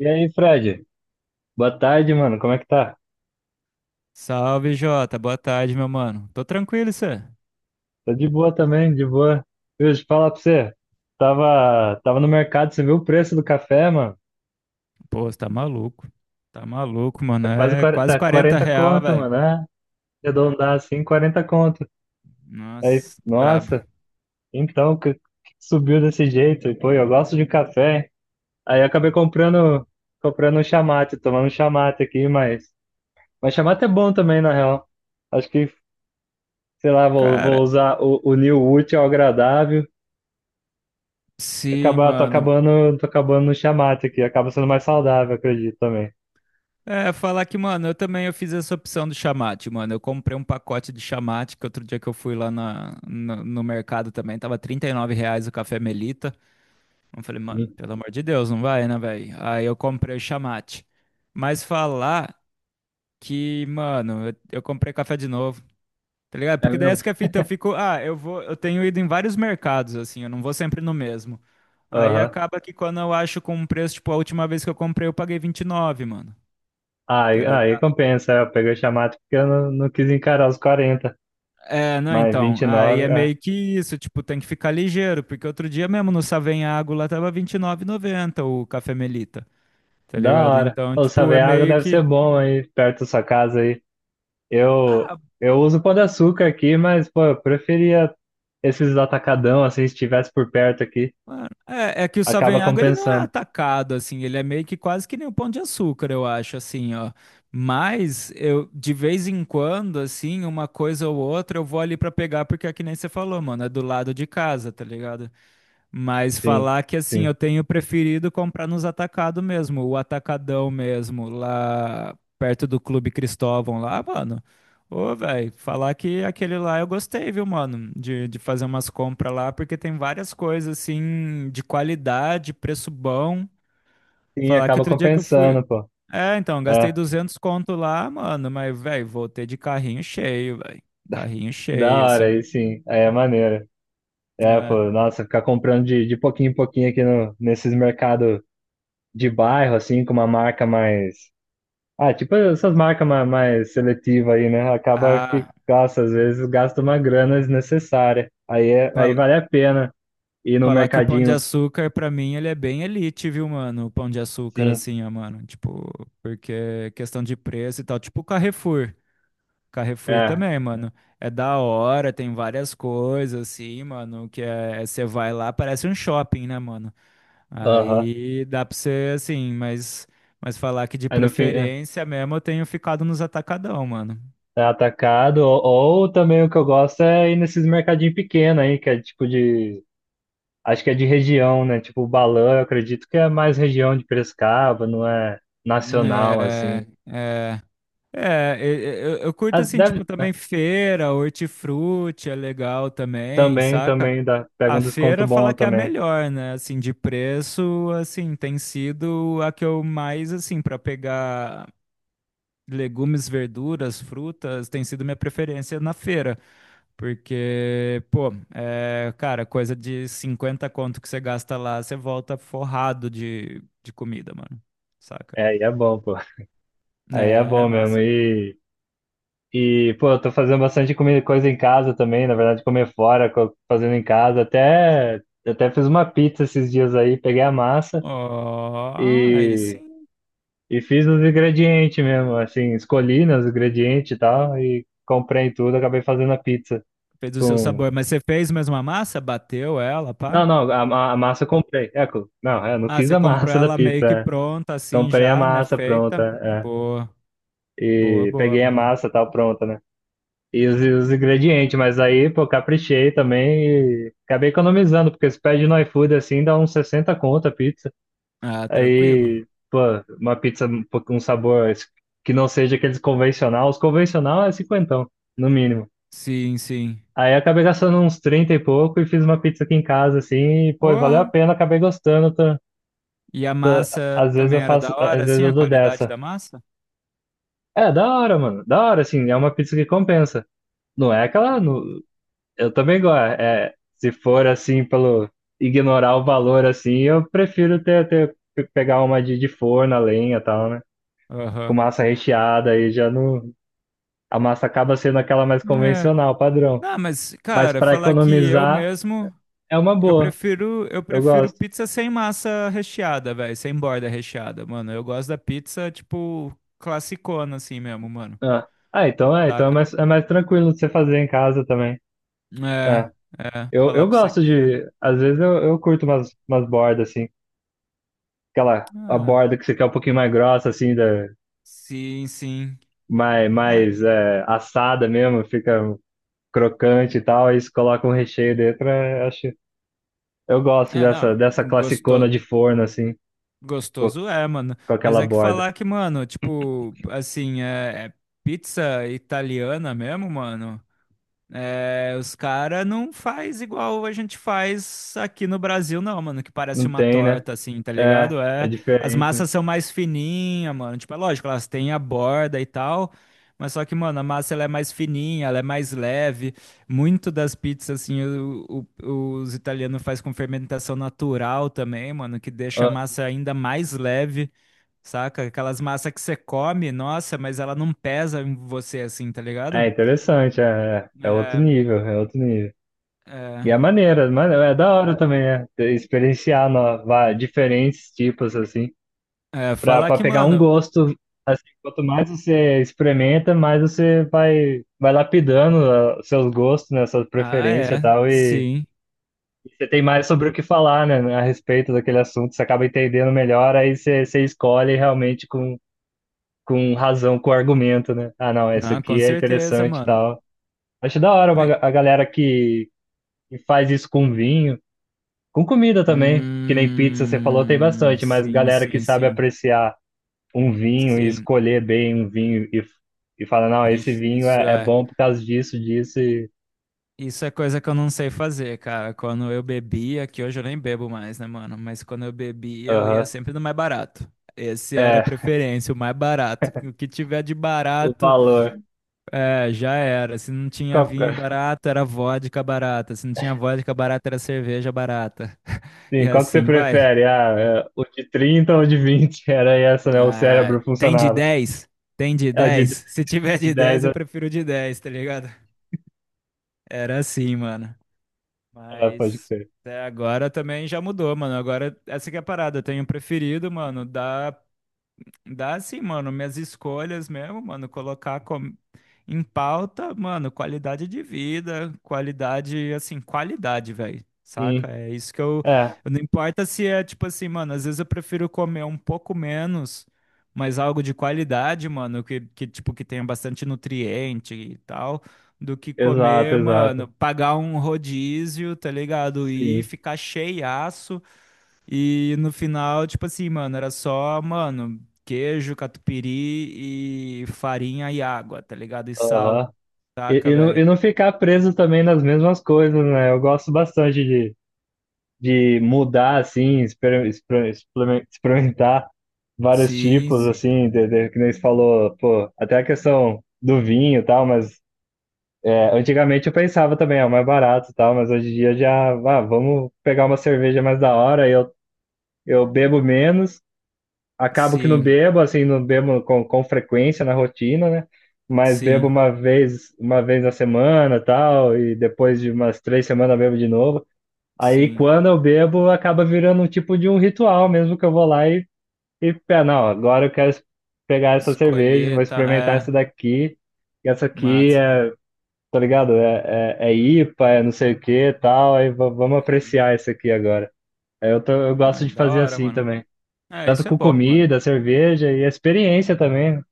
E aí, Fred? Boa tarde, mano. Como é que tá? Salve, Jota. Boa tarde, meu mano. Tô tranquilo, e cê? Tô de boa também, de boa. Viu, deixa eu falar pra você. Tava no mercado, você viu o preço do café, mano? Pô, você tá maluco. Tá maluco, mano. Tá quase É quarenta, quase tá 40 40 real, conto, velho. mano. Ah, arredondar assim, 40 conto. Aí, Nossa, brabo. nossa, então, que subiu desse jeito? E, pô, eu gosto de café, hein? Aí eu acabei comprando um chamate, tomando um chamate aqui, mas... Mas chamate é bom também, na real. Acho que, sei lá, vou, Cara, vou usar o unir o útil ao agradável. sim, Acabar, tô mano. acabando, tô acabando no chamate aqui, acaba sendo mais saudável, acredito também. É, falar que, mano, eu também eu fiz essa opção do chamate, mano. Eu comprei um pacote de chamate, que outro dia que eu fui lá na, no, no mercado também, tava R$ 39 o café Melita. Eu falei, mano, Sim, pelo amor de Deus, não vai, né, velho? Aí eu comprei o chamate. Mas falar que, mano, eu comprei café de novo. Tá ligado? é Porque daí mesmo. essa que é a fita, eu fico, ah, eu vou, eu tenho ido em vários mercados, assim, eu não vou sempre no mesmo. Aí Aham. acaba que quando eu acho com um preço, tipo, a última vez que eu comprei, eu paguei 29, mano. Tá Aí, aí ligado? compensa, eu peguei o chamate porque eu não quis encarar os quarenta, É, não, mas então, aí 29, é é, meio que isso, tipo, tem que ficar ligeiro, porque outro dia mesmo no Savenhago lá tava 29,90 o café Melita, tá da ligado? hora. Então, O tipo, é água meio deve ser que, bom aí, perto da sua casa aí. Eu, ah, eu uso pão de açúcar aqui, mas, pô, eu preferia esses atacadão, assim, se estivesse por perto aqui, mano, é que o acaba Savanhago ele não é compensando. atacado assim, ele é meio que quase que nem o Pão de Açúcar, eu acho assim, ó. Mas eu de vez em quando, assim, uma coisa ou outra, eu vou ali pra pegar, porque é que nem você falou, mano, é do lado de casa, tá ligado? Mas Sim, falar que assim, sim. eu tenho preferido comprar nos atacados mesmo, o atacadão mesmo, lá perto do Clube Cristóvão lá, mano. Ô, velho, falar que aquele lá eu gostei, viu, mano, de, fazer umas compras lá, porque tem várias coisas assim, de qualidade, preço bom. Sim, Falar que acaba outro dia que eu fui. compensando, pô. É, então, gastei É, 200 conto lá, mano, mas, velho, voltei de carrinho cheio, velho. Carrinho da cheio, hora assim. aí, sim. Aí é maneiro. É, É. pô, nossa, ficar comprando de pouquinho em pouquinho aqui no, nesses mercados de bairro, assim, com uma marca mais. Ah, tipo essas marcas mais, mais seletivas aí, né? Acaba que, Ah. nossa, às vezes gasta uma grana desnecessária. Aí, é, aí fal- vale a pena ir no Falar que o Pão de mercadinho, Açúcar, pra mim, ele é bem elite, viu, mano? O Pão de Açúcar, sim. assim, ó, mano. Tipo, porque é questão de preço e tal. Tipo o Carrefour. Carrefour É, também, mano. É da hora, tem várias coisas, assim, mano. Que é. Você vai lá, parece um shopping, né, mano? aham. Aí dá pra você, assim, mas. Mas falar que de Aí no fim, é, preferência mesmo eu tenho ficado nos atacadão, mano. é atacado. Ou também o que eu gosto é ir nesses mercadinhos pequenos aí, que é tipo de. Acho que é de região, né? Tipo, o balão, eu acredito que é mais região de Piracicaba, não é nacional, É. assim. É. É, eu curto Ah, assim, deve, tipo, também feira, hortifruti é legal também, também, saca? também, dá, pega A um desconto feira bom fala que é a também. melhor, né? Assim, de preço, assim, tem sido a que eu mais, assim, pra pegar legumes, verduras, frutas, tem sido minha preferência na feira. Porque, pô, é, cara, coisa de 50 conto que você gasta lá, você volta forrado de comida, mano. Saca? É, aí é bom, pô. Aí é É, bom mesmo. nossa. E pô, eu tô fazendo bastante comida, coisa em casa também, na verdade, comer fora, co- fazendo em casa. Até, até fiz uma pizza esses dias aí, peguei a massa Ó, aí e, sim. e fiz os ingredientes mesmo, assim, escolhi, né, os ingredientes e tal, e comprei tudo, acabei fazendo a pizza Fez o seu com sabor, mas você fez mesmo a massa? Bateu ela, pá? não, não, a, ma- a massa eu comprei. É, co- não, é, eu não Ah, fiz você a comprou massa da ela meio pizza, que é. pronta, assim Comprei a já, né? massa pronta, Feita. é. Boa, boa, E boa, peguei a mano. massa tal pronta, né? E os ingredientes, mas aí, pô, caprichei também e acabei economizando, porque se pede no iFood assim, dá uns 60 conto a pizza. Ah, tranquilo. Aí, pô, uma pizza um pouco- com um sabor que não seja aqueles convencional. Os convencional é 50, no mínimo. Sim, sim. Aí acabei gastando uns 30 e pouco e fiz uma pizza aqui em casa, assim, e, pô, valeu a Porra. pena, acabei gostando. E a massa Às vezes também eu era faço, da às hora, vezes assim, eu a dou qualidade dessa. da massa? É, da hora, mano. Da hora, assim, é uma pizza que compensa. Não é aquela, Hum. no- eu também gosto. É, é, se for assim, pelo ignorar o valor, assim, eu prefiro ter, ter pe- pegar uma de forno, a lenha e tal, né? Com Aham. massa recheada, aí já não. A massa acaba sendo aquela mais É. convencional, padrão. Não, mas, Mas cara, para falar que eu economizar, mesmo, é uma eu boa. prefiro, eu Eu prefiro gosto. pizza sem massa recheada, velho, sem borda recheada, mano. Eu gosto da pizza, tipo, classicona, assim mesmo, mano. Ah, ah, então é mais tranquilo de você fazer em casa também. É. É, é, falar eu pra você gosto que é. de. Às vezes eu curto umas, umas bordas, assim. Aquela a Ah, borda que você quer um pouquinho mais grossa, assim, da, sim, sim. mais, É, mais é, assada mesmo, fica crocante e tal. Aí você coloca um recheio dentro. É, acho, eu gosto dessa, não, dessa classicona gosto, de forno, assim, com, gostoso é, mano. com Mas aquela é que borda. falar que, mano, tipo, assim, é pizza italiana mesmo, mano. É, os caras não faz igual a gente faz aqui no Brasil, não, mano, que parece Não uma tem, né? torta, assim, tá É, ligado? é É, as diferente, né? massas são mais fininhas, mano. Tipo, é lógico, elas têm a borda e tal, mas só que, mano, a massa ela é mais fininha, ela é mais leve. Muito das pizzas, assim, os italianos faz com fermentação natural também, mano, que deixa a Ah, massa ainda mais leve, saca? Aquelas massas que você come, nossa, mas ela não pesa em você, assim, tá é ligado? interessante, é, é é outro É, nível, é outro nível. é. E é maneira, mano, é da hora também, é, ter- experienciar no, va- diferentes tipos, assim. É, Pra, falar pra que, pegar um mano. gosto, assim, quanto mais você experimenta, mais você vai, vai lapidando ah, os seus gostos, né, suas Ah, preferências e é. tal, Sim. e você tem mais sobre o que falar, né, a respeito daquele assunto, você acaba entendendo melhor, aí você, você escolhe realmente com razão, com argumento, né? Ah, não, esse Não, com aqui é certeza, interessante e mano. tal. Acho da hora uma, Ai, ga- a galera que faz isso com vinho, com comida também, que nem pizza você falou, tem hum, bastante, mas sim, galera que sim, sabe sim. apreciar um vinho e Sim. escolher bem um vinho e falar, não, esse Ixi, vinho isso é, é é. bom por causa disso, disso e. Isso é coisa que eu não sei fazer, cara. Quando eu bebia, que hoje eu nem bebo mais, né, mano? Mas quando eu bebia, eu ia Aham. sempre no mais barato. Esse era a É, preferência, o mais barato. O que tiver de o barato. valor. É, já era. Se não tinha Qual, vinho barato, era vodka barata. Se não tinha vodka barata, era cerveja barata. E sim, qual que você assim vai. prefere? Ah, é, o de 30 ou o de vinte? Era essa, né? O Ah, cérebro tem de funcionava. 10. Tem de É, o 10? Se tiver de de 10, dez eu é, prefiro de 10, tá ligado? Era assim, mano. pode Mas crer. até agora também já mudou, mano. Agora, essa que é a parada. Eu tenho preferido, mano, dar Dá assim, mano, minhas escolhas mesmo, mano, colocar em pauta, mano, qualidade de vida, qualidade, assim, qualidade, velho, Sim, saca? É isso que eu, é, não importa se é tipo assim, mano, às vezes eu prefiro comer um pouco menos, mas algo de qualidade, mano, que tipo, que tenha bastante nutriente e tal, do que exato, comer, mano, exato. pagar um rodízio, tá ligado? E Sim, ficar cheiaço e no final, tipo assim, mano, era só, mano, queijo, catupiry e farinha e água, tá ligado? E sal, aham. Saca, velho? E não ficar preso também nas mesmas coisas, né? Eu gosto bastante de mudar, assim, experimentar vários Sim, tipos, sim, assim, de, que nem você falou, pô, até a questão do vinho e tal, mas é, antigamente eu pensava também, é o mais barato e tal, mas hoje em dia já, ah, vamos pegar uma cerveja mais da hora, eu bebo menos, acabo que não sim, bebo, assim, não bebo com frequência na rotina, né? Mas bebo sim, uma vez na semana, tal, e depois de umas 3 semanas bebo de novo. Aí sim. quando eu bebo, acaba virando um tipo de um ritual mesmo que eu vou lá e pé, não, agora eu quero es- pegar essa cerveja, Escolher, vou experimentar tá? É, essa daqui, e essa aqui massa. é, tá ligado? É, é, é IPA, é não sei o que e tal, aí va- vamos apreciar esse aqui agora. Aí eu, tô- eu Ah, gosto de da fazer hora, assim mano. também. É, Tanto isso é com bom, mano. comida, cerveja e a experiência também, né?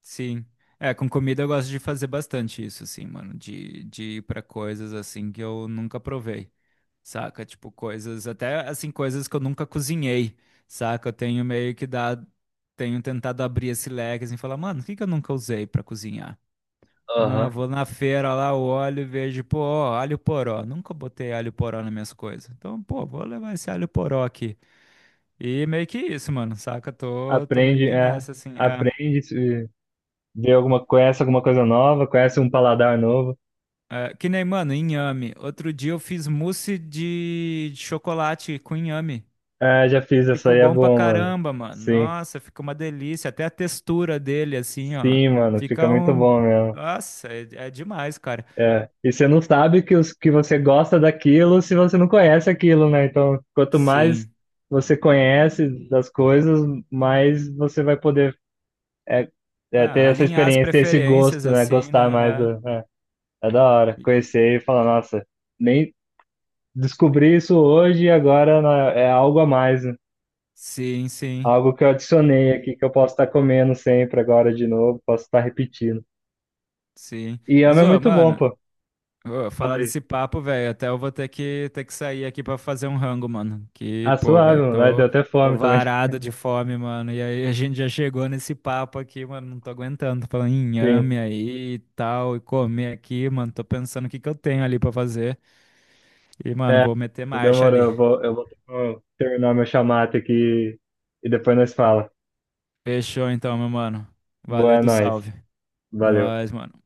Sim. É, com comida eu gosto de fazer bastante isso, assim, mano. De ir pra coisas assim que eu nunca provei. Saca? Tipo, coisas, até assim, coisas que eu nunca cozinhei, saca? Eu tenho meio que dado, tenho tentado abrir esse leque assim, e falar, mano, o que que eu nunca usei pra cozinhar? Ah, Aham. vou na feira lá, olho e vejo, pô, ó, alho poró. Nunca botei alho poró nas minhas coisas. Então, pô, vou levar esse alho poró aqui. E meio que isso, mano, saca? Tô meio Aprende, que é, nessa, assim, é. aprende, se- vê alguma, conhece alguma coisa nova, conhece um paladar novo. É, que nem, mano, inhame. Outro dia eu fiz mousse de chocolate com inhame. É, já E fiz essa ficou aí, é bom pra bom, mano. caramba, mano. Sim. Nossa, ficou uma delícia. Até a textura dele, assim, ó. Sim, mano, fica Fica muito um. bom mesmo. Nossa, é demais, cara. É. E você não sabe que, os, que você gosta daquilo se você não conhece aquilo, né? Então, quanto mais Sim. você conhece das coisas, mais você vai poder é, é, Ah, ter essa alinhar as experiência, ter esse preferências, gosto, né? assim, Gostar mais. né? Do- é, é da hora. É. Conhecer e falar, nossa, nem descobri isso hoje e agora, né, é algo a mais, né? Sim, sim, Algo que eu adicionei aqui, que eu posso estar comendo sempre agora de novo, posso estar repetindo. sim. E Mas, ama é ô, muito bom, mano. pô. Ô, Fala falar aí. desse papo, velho, até eu vou ter que sair aqui pra fazer um rango, mano. Que, Ah, pô, suave, velho, mano. Ai, tô, deu até tô fome também. varado de fome, mano. E aí a gente já chegou nesse papo aqui, mano, não tô aguentando. Tô falando em Sim. inhame aí e tal, e comer aqui, mano. Tô pensando o que que eu tenho ali pra fazer. E, mano, É, vou meter marcha demorou. ali. Eu vou terminar meu chamate aqui e depois nós fala. Fechou então, meu mano. Boa, Valeu é do nóis. salve. Valeu. Nós, mano.